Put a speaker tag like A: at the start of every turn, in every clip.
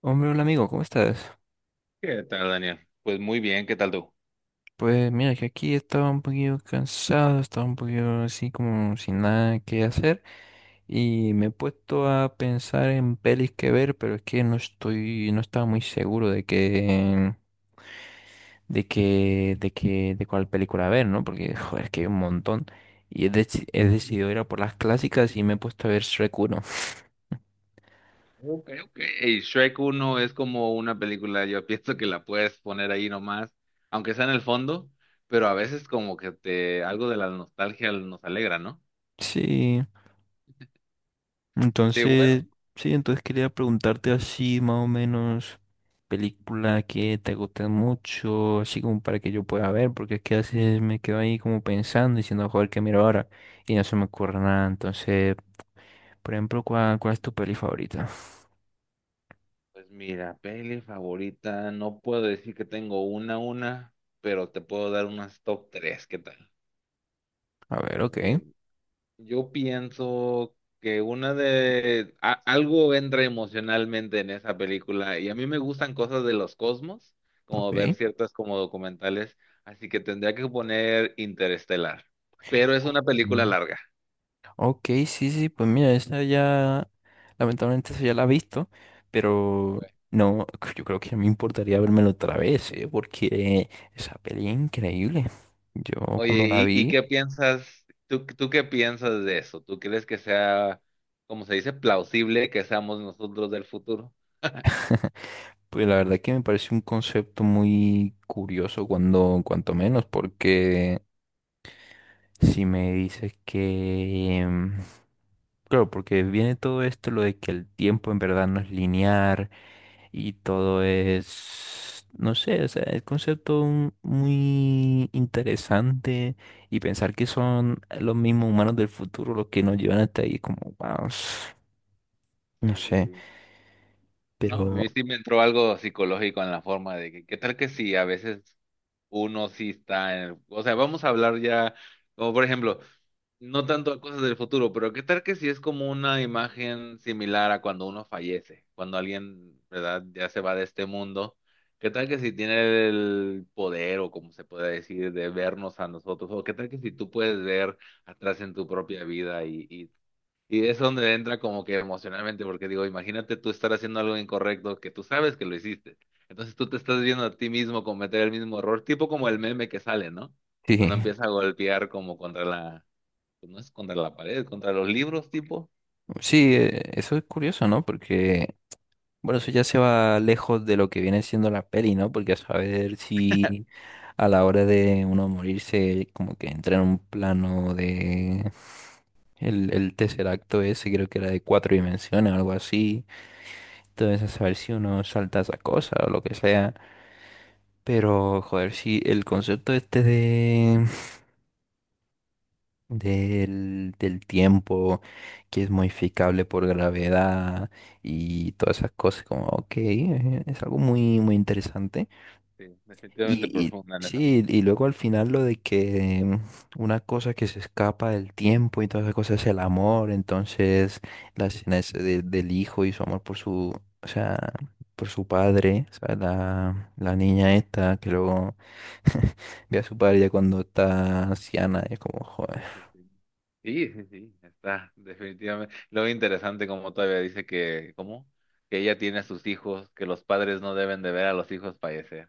A: Hombre, hola amigo, ¿cómo estás?
B: ¿Qué tal, Daniel? Pues muy bien, ¿qué tal tú?
A: Pues mira que aquí estaba un poquito cansado, estaba un poquito así como sin nada que hacer y me he puesto a pensar en pelis que ver, pero es que no estoy, no estaba muy seguro de de cuál película ver, ¿no? Porque joder, es que hay un montón y he decidido ir a por las clásicas y me he puesto a ver Shrek uno.
B: Ok, ok. Y Shrek uno es como una película, yo pienso que la puedes poner ahí nomás, aunque sea en el fondo, pero a veces como que te algo de la nostalgia nos alegra, ¿no?
A: Sí.
B: Sí, bueno,
A: Entonces, sí, entonces quería preguntarte así más o menos película que te guste mucho, así como para que yo pueda ver, porque es que a veces me quedo ahí como pensando, diciendo, joder, ¿qué miro ahora? Y no se me ocurre nada. Entonces, por ejemplo, cuál es tu peli favorita?
B: pues mira, peli favorita, no puedo decir que tengo una, pero te puedo dar unas top 3. ¿Qué tal?
A: A ver,
B: A
A: ok,
B: ver, yo pienso que una de algo entra emocionalmente en esa película y a mí me gustan cosas de los cosmos, como ver
A: ok.
B: ciertas como documentales, así que tendría que poner Interestelar, pero es una película
A: Mm.
B: larga.
A: Ok, sí, sí, pues mira, esa ya, lamentablemente esa ya la he visto, pero
B: Ok.
A: no, yo creo que no me importaría vérmelo otra vez, ¿eh? Porque esa peli es increíble. Yo
B: Oye,
A: cuando la
B: ¿y
A: vi,
B: qué piensas? ¿Tú qué piensas de eso? ¿Tú crees que sea, como se dice, plausible que seamos nosotros del futuro?
A: pues la verdad que me parece un concepto muy curioso cuando, cuanto menos. Porque si me dices que... claro, porque viene todo esto, lo de que el tiempo en verdad no es lineal y todo es, no sé, o sea, el concepto muy interesante, y pensar que son los mismos humanos del futuro los que nos llevan hasta ahí, como, wow, no
B: Sí, sí,
A: sé,
B: sí. No, a
A: pero
B: mí sí me entró algo psicológico en la forma de que, ¿qué tal que sí? A veces uno sí o sea, vamos a hablar ya, como por ejemplo, no tanto a cosas del futuro, pero qué tal que si es como una imagen similar a cuando uno fallece, cuando alguien, ¿verdad? Ya se va de este mundo. ¿Qué tal que si tiene el poder o como se puede decir de vernos a nosotros? ¿O qué tal que si tú puedes ver atrás en tu propia vida y es donde entra como que emocionalmente, porque digo, imagínate tú estar haciendo algo incorrecto que tú sabes que lo hiciste. Entonces tú te estás viendo a ti mismo cometer el mismo error, tipo como el meme que sale, ¿no?
A: sí,
B: Cuando empieza a golpear como contra la, pues no es contra la pared, contra los libros, tipo.
A: sí, eso es curioso, ¿no? Porque bueno, eso ya se va lejos de lo que viene siendo la peli, ¿no? Porque a saber si a la hora de uno morirse, como que entra en un plano de... el tercer acto ese creo que era de cuatro dimensiones o algo así. Entonces, a saber si uno salta esa cosa o lo que sea. Pero, joder, si el concepto este de... del tiempo que es modificable por gravedad y todas esas cosas, como, ok, es algo muy, muy interesante.
B: Sí, definitivamente
A: Y
B: profunda en esa
A: sí,
B: forma.
A: y luego al final lo de que una cosa que se escapa del tiempo y todas esas cosas es el amor, entonces la escena es del hijo y su amor por su, o sea, por su padre, o sea, la niña esta que luego ve a su padre ya cuando está anciana, es como, joder.
B: Sí, sí, sí. Sí, sí, sí, está, definitivamente. Lo interesante como todavía dice que, ¿cómo? Que ella tiene a sus hijos, que los padres no deben de ver a los hijos fallecer.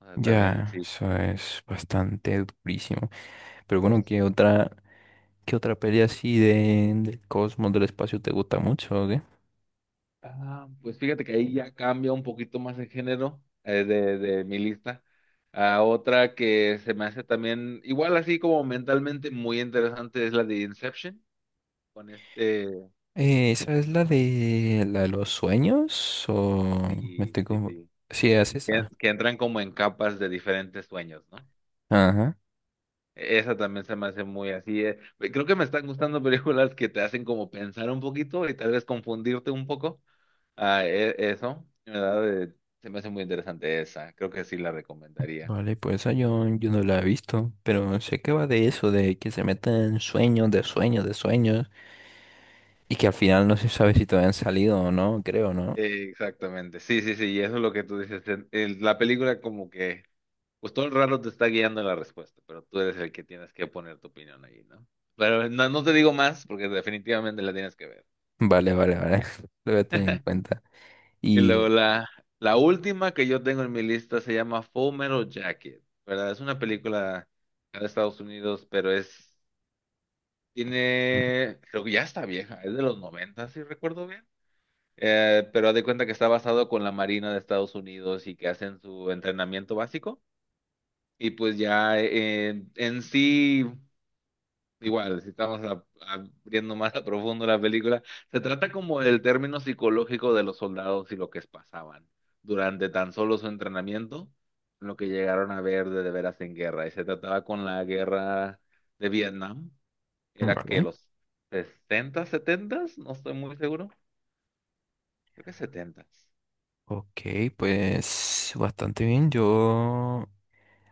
B: O sea, también
A: Ya,
B: sí,
A: eso es bastante durísimo. Pero bueno,
B: pues.
A: qué otra peli así de, del cosmos, del espacio te gusta mucho?
B: Ah, pues fíjate que ahí ya cambia un poquito más el género de, mi lista. A otra que se me hace también, igual así como mentalmente muy interesante, es la de Inception, con este,
A: ¿Esa es la de los sueños? ¿O me
B: sí,
A: estoy
B: sí,
A: como...
B: sí,
A: Sí, es
B: que,
A: esa.
B: que entran como en capas de diferentes sueños, ¿no?
A: Ajá.
B: Esa también se me hace muy así. Creo que me están gustando películas que te hacen como pensar un poquito y tal vez confundirte un poco. Ah, eso, ¿verdad? Se me hace muy interesante esa, creo que sí la recomendaría.
A: Vale, pues esa yo, yo no la he visto, pero sé que va de eso, de que se meten sueños, de sueños, de sueños, y que al final no se sabe si todavía han salido o no, creo, ¿no?
B: Exactamente, sí, sí, sí, y eso es lo que tú dices. En la película como que, pues todo el rato te está guiando la respuesta, pero tú eres el que tienes que poner tu opinión ahí, ¿no? Pero no, no te digo más porque definitivamente la tienes que ver.
A: Vale, vale, vale. Lo voy a tener en cuenta.
B: Y
A: Y...
B: luego la última que yo tengo en mi lista se llama Full Metal Jacket, ¿verdad? Es una película de Estados Unidos, pero es,
A: mm,
B: tiene, creo que ya está vieja, es de los 90 si recuerdo bien. Pero haz de cuenta que está basado con la Marina de Estados Unidos y que hacen su entrenamiento básico. Y pues ya en sí, igual, si abriendo más a profundo la película, se trata como del término psicológico de los soldados y lo que pasaban durante tan solo su entrenamiento, lo que llegaron a ver de veras en guerra. Y se trataba con la guerra de Vietnam, era que
A: vale.
B: los 60 70, no estoy muy seguro, creo que 70.
A: Ok, pues bastante bien. Yo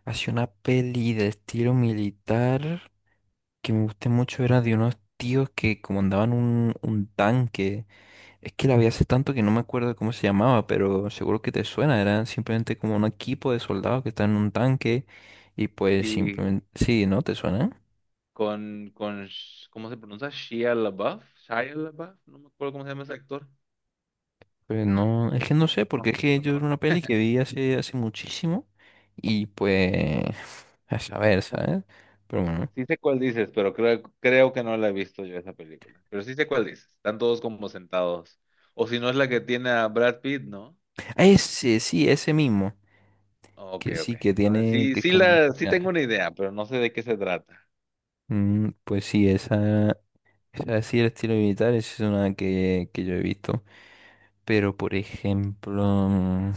A: hacía una peli de estilo militar que me gusté mucho, era de unos tíos que comandaban un tanque. Es que la vi hace tanto que no me acuerdo cómo se llamaba, pero seguro que te suena. Era simplemente como un equipo de soldados que está en un tanque y pues
B: Y
A: simplemente... Sí, ¿no? ¿Te suena?
B: con, ¿cómo se pronuncia? Shia LaBeouf, Shia LaBeouf, no me acuerdo cómo se llama ese actor.
A: Pues no, es que no sé,
B: No,
A: porque es que
B: no
A: yo era una
B: conozco.
A: peli que vi hace, hace muchísimo y pues... A saber,
B: No,
A: ¿sabes? Pero bueno.
B: sí sé cuál dices, pero creo que no la he visto yo esa película. Pero sí sé cuál dices. Están todos como sentados. O si no es la que tiene a Brad Pitt, ¿no?
A: Ah, ese, sí, ese mismo.
B: Ok,
A: Que
B: ok.
A: sí, que
B: Entonces
A: tiene...
B: sí,
A: que es como...
B: sí tengo una idea, pero no sé de qué se trata.
A: Mm, pues sí, esa, así el estilo militar es una que yo he visto. Pero por ejemplo, mm,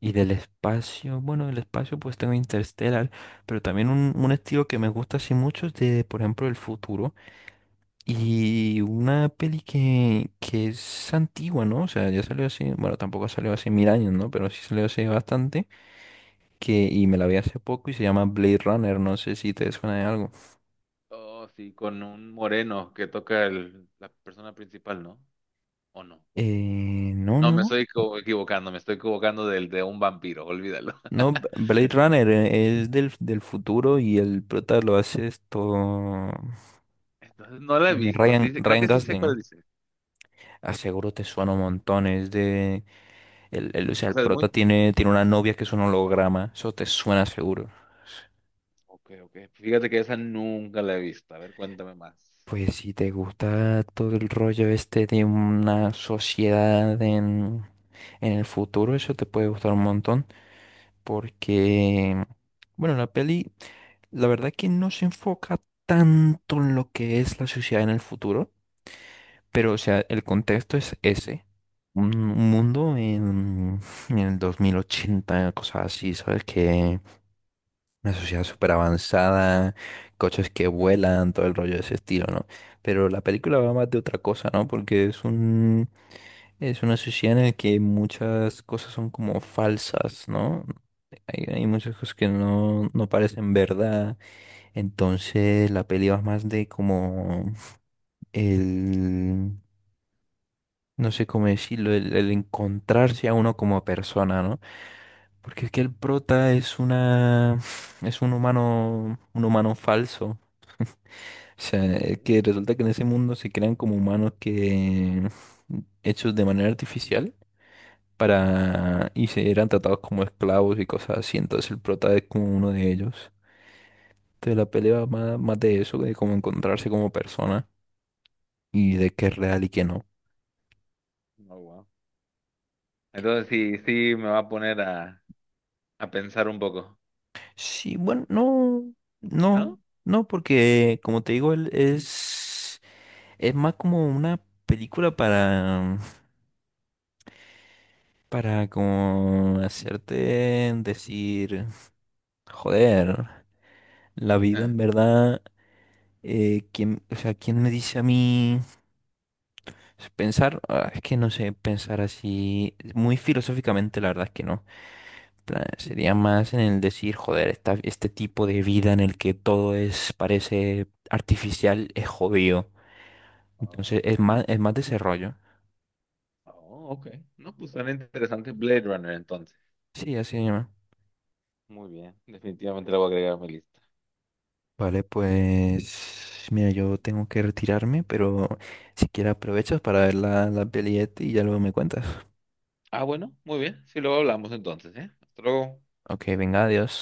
A: y del espacio, bueno, del espacio pues tengo Interstellar, pero también un estilo que me gusta así mucho es de, por ejemplo, el futuro. Y una peli que es antigua, ¿no? O sea, ya salió hace, bueno, tampoco salió hace mil años, ¿no? Pero sí salió hace bastante, que, y me la vi hace poco y se llama Blade Runner, no sé si te suena de algo.
B: Oh, sí, con un moreno que toca el, la persona principal, ¿no? ¿O no?
A: No,
B: No, me
A: no.
B: estoy equivocando, me estoy equivocando del de un vampiro, olvídalo.
A: No, Blade Runner es del futuro y el prota lo hace esto.
B: Entonces no la he visto,
A: Ryan,
B: sí, creo
A: Ryan
B: que sí sé
A: Gosling.
B: cuál dices.
A: Aseguro te suena un montón. Es de. O sea,
B: O
A: el
B: sea, es
A: prota
B: muy
A: tiene, tiene una
B: famoso.
A: novia que es un holograma. Eso te suena seguro.
B: Ok, ok. Fíjate que esa nunca la he visto. A ver, cuéntame más.
A: Pues si te gusta todo el rollo este de una sociedad en el futuro, eso te puede gustar un montón. Porque. Bueno, la peli. La verdad que no se enfoca tanto en lo que es la sociedad en el futuro, pero o sea, el contexto es ese. Un mundo en el 2080, cosas así, ¿sabes? Que una sociedad
B: Okay.
A: súper avanzada, coches que vuelan, todo el rollo de ese estilo, ¿no? Pero la película va más de otra cosa, ¿no? Porque es un, es una sociedad en la que muchas cosas son como falsas, ¿no? Hay muchas cosas que no, no parecen verdad, entonces la peli va más de como el, no sé cómo decirlo, el encontrarse a uno como persona, ¿no? Porque es que el prota es una, es un humano falso. O sea,
B: Ok.
A: es que resulta que en ese mundo se crean como humanos que hechos de manera artificial
B: Ajá.
A: para y se eran tratados como esclavos y cosas así. Entonces el prota es como uno de ellos. Entonces la pelea va más, más de eso, de cómo encontrarse como persona, y de qué es real y qué no.
B: Oh, wow. Entonces sí, sí me va a poner a pensar un poco,
A: Sí, bueno, no, no,
B: ¿no?
A: no, porque como te digo, él es más como una película para como hacerte decir, joder, la vida
B: Ah,
A: en verdad, ¿quién, o sea, quién me dice a mí pensar? Ah, es que no sé, pensar así, muy filosóficamente, la verdad es que no. Plan, sería más en el decir, joder, este tipo de vida en el que todo es, parece artificial, es jodido. Entonces
B: ok.
A: es más desarrollo.
B: Oh, ok. No, pues suena interesante Blade Runner entonces.
A: Sí, así se llama.
B: Muy bien, definitivamente la voy a agregar a mi lista.
A: Vale, pues mira, yo tengo que retirarme, pero si quieres aprovechas para ver la peli esta y ya luego me cuentas.
B: Ah, bueno, muy bien. Sí, luego hablamos entonces, ¿eh? Hasta luego.
A: Ok, venga, adiós.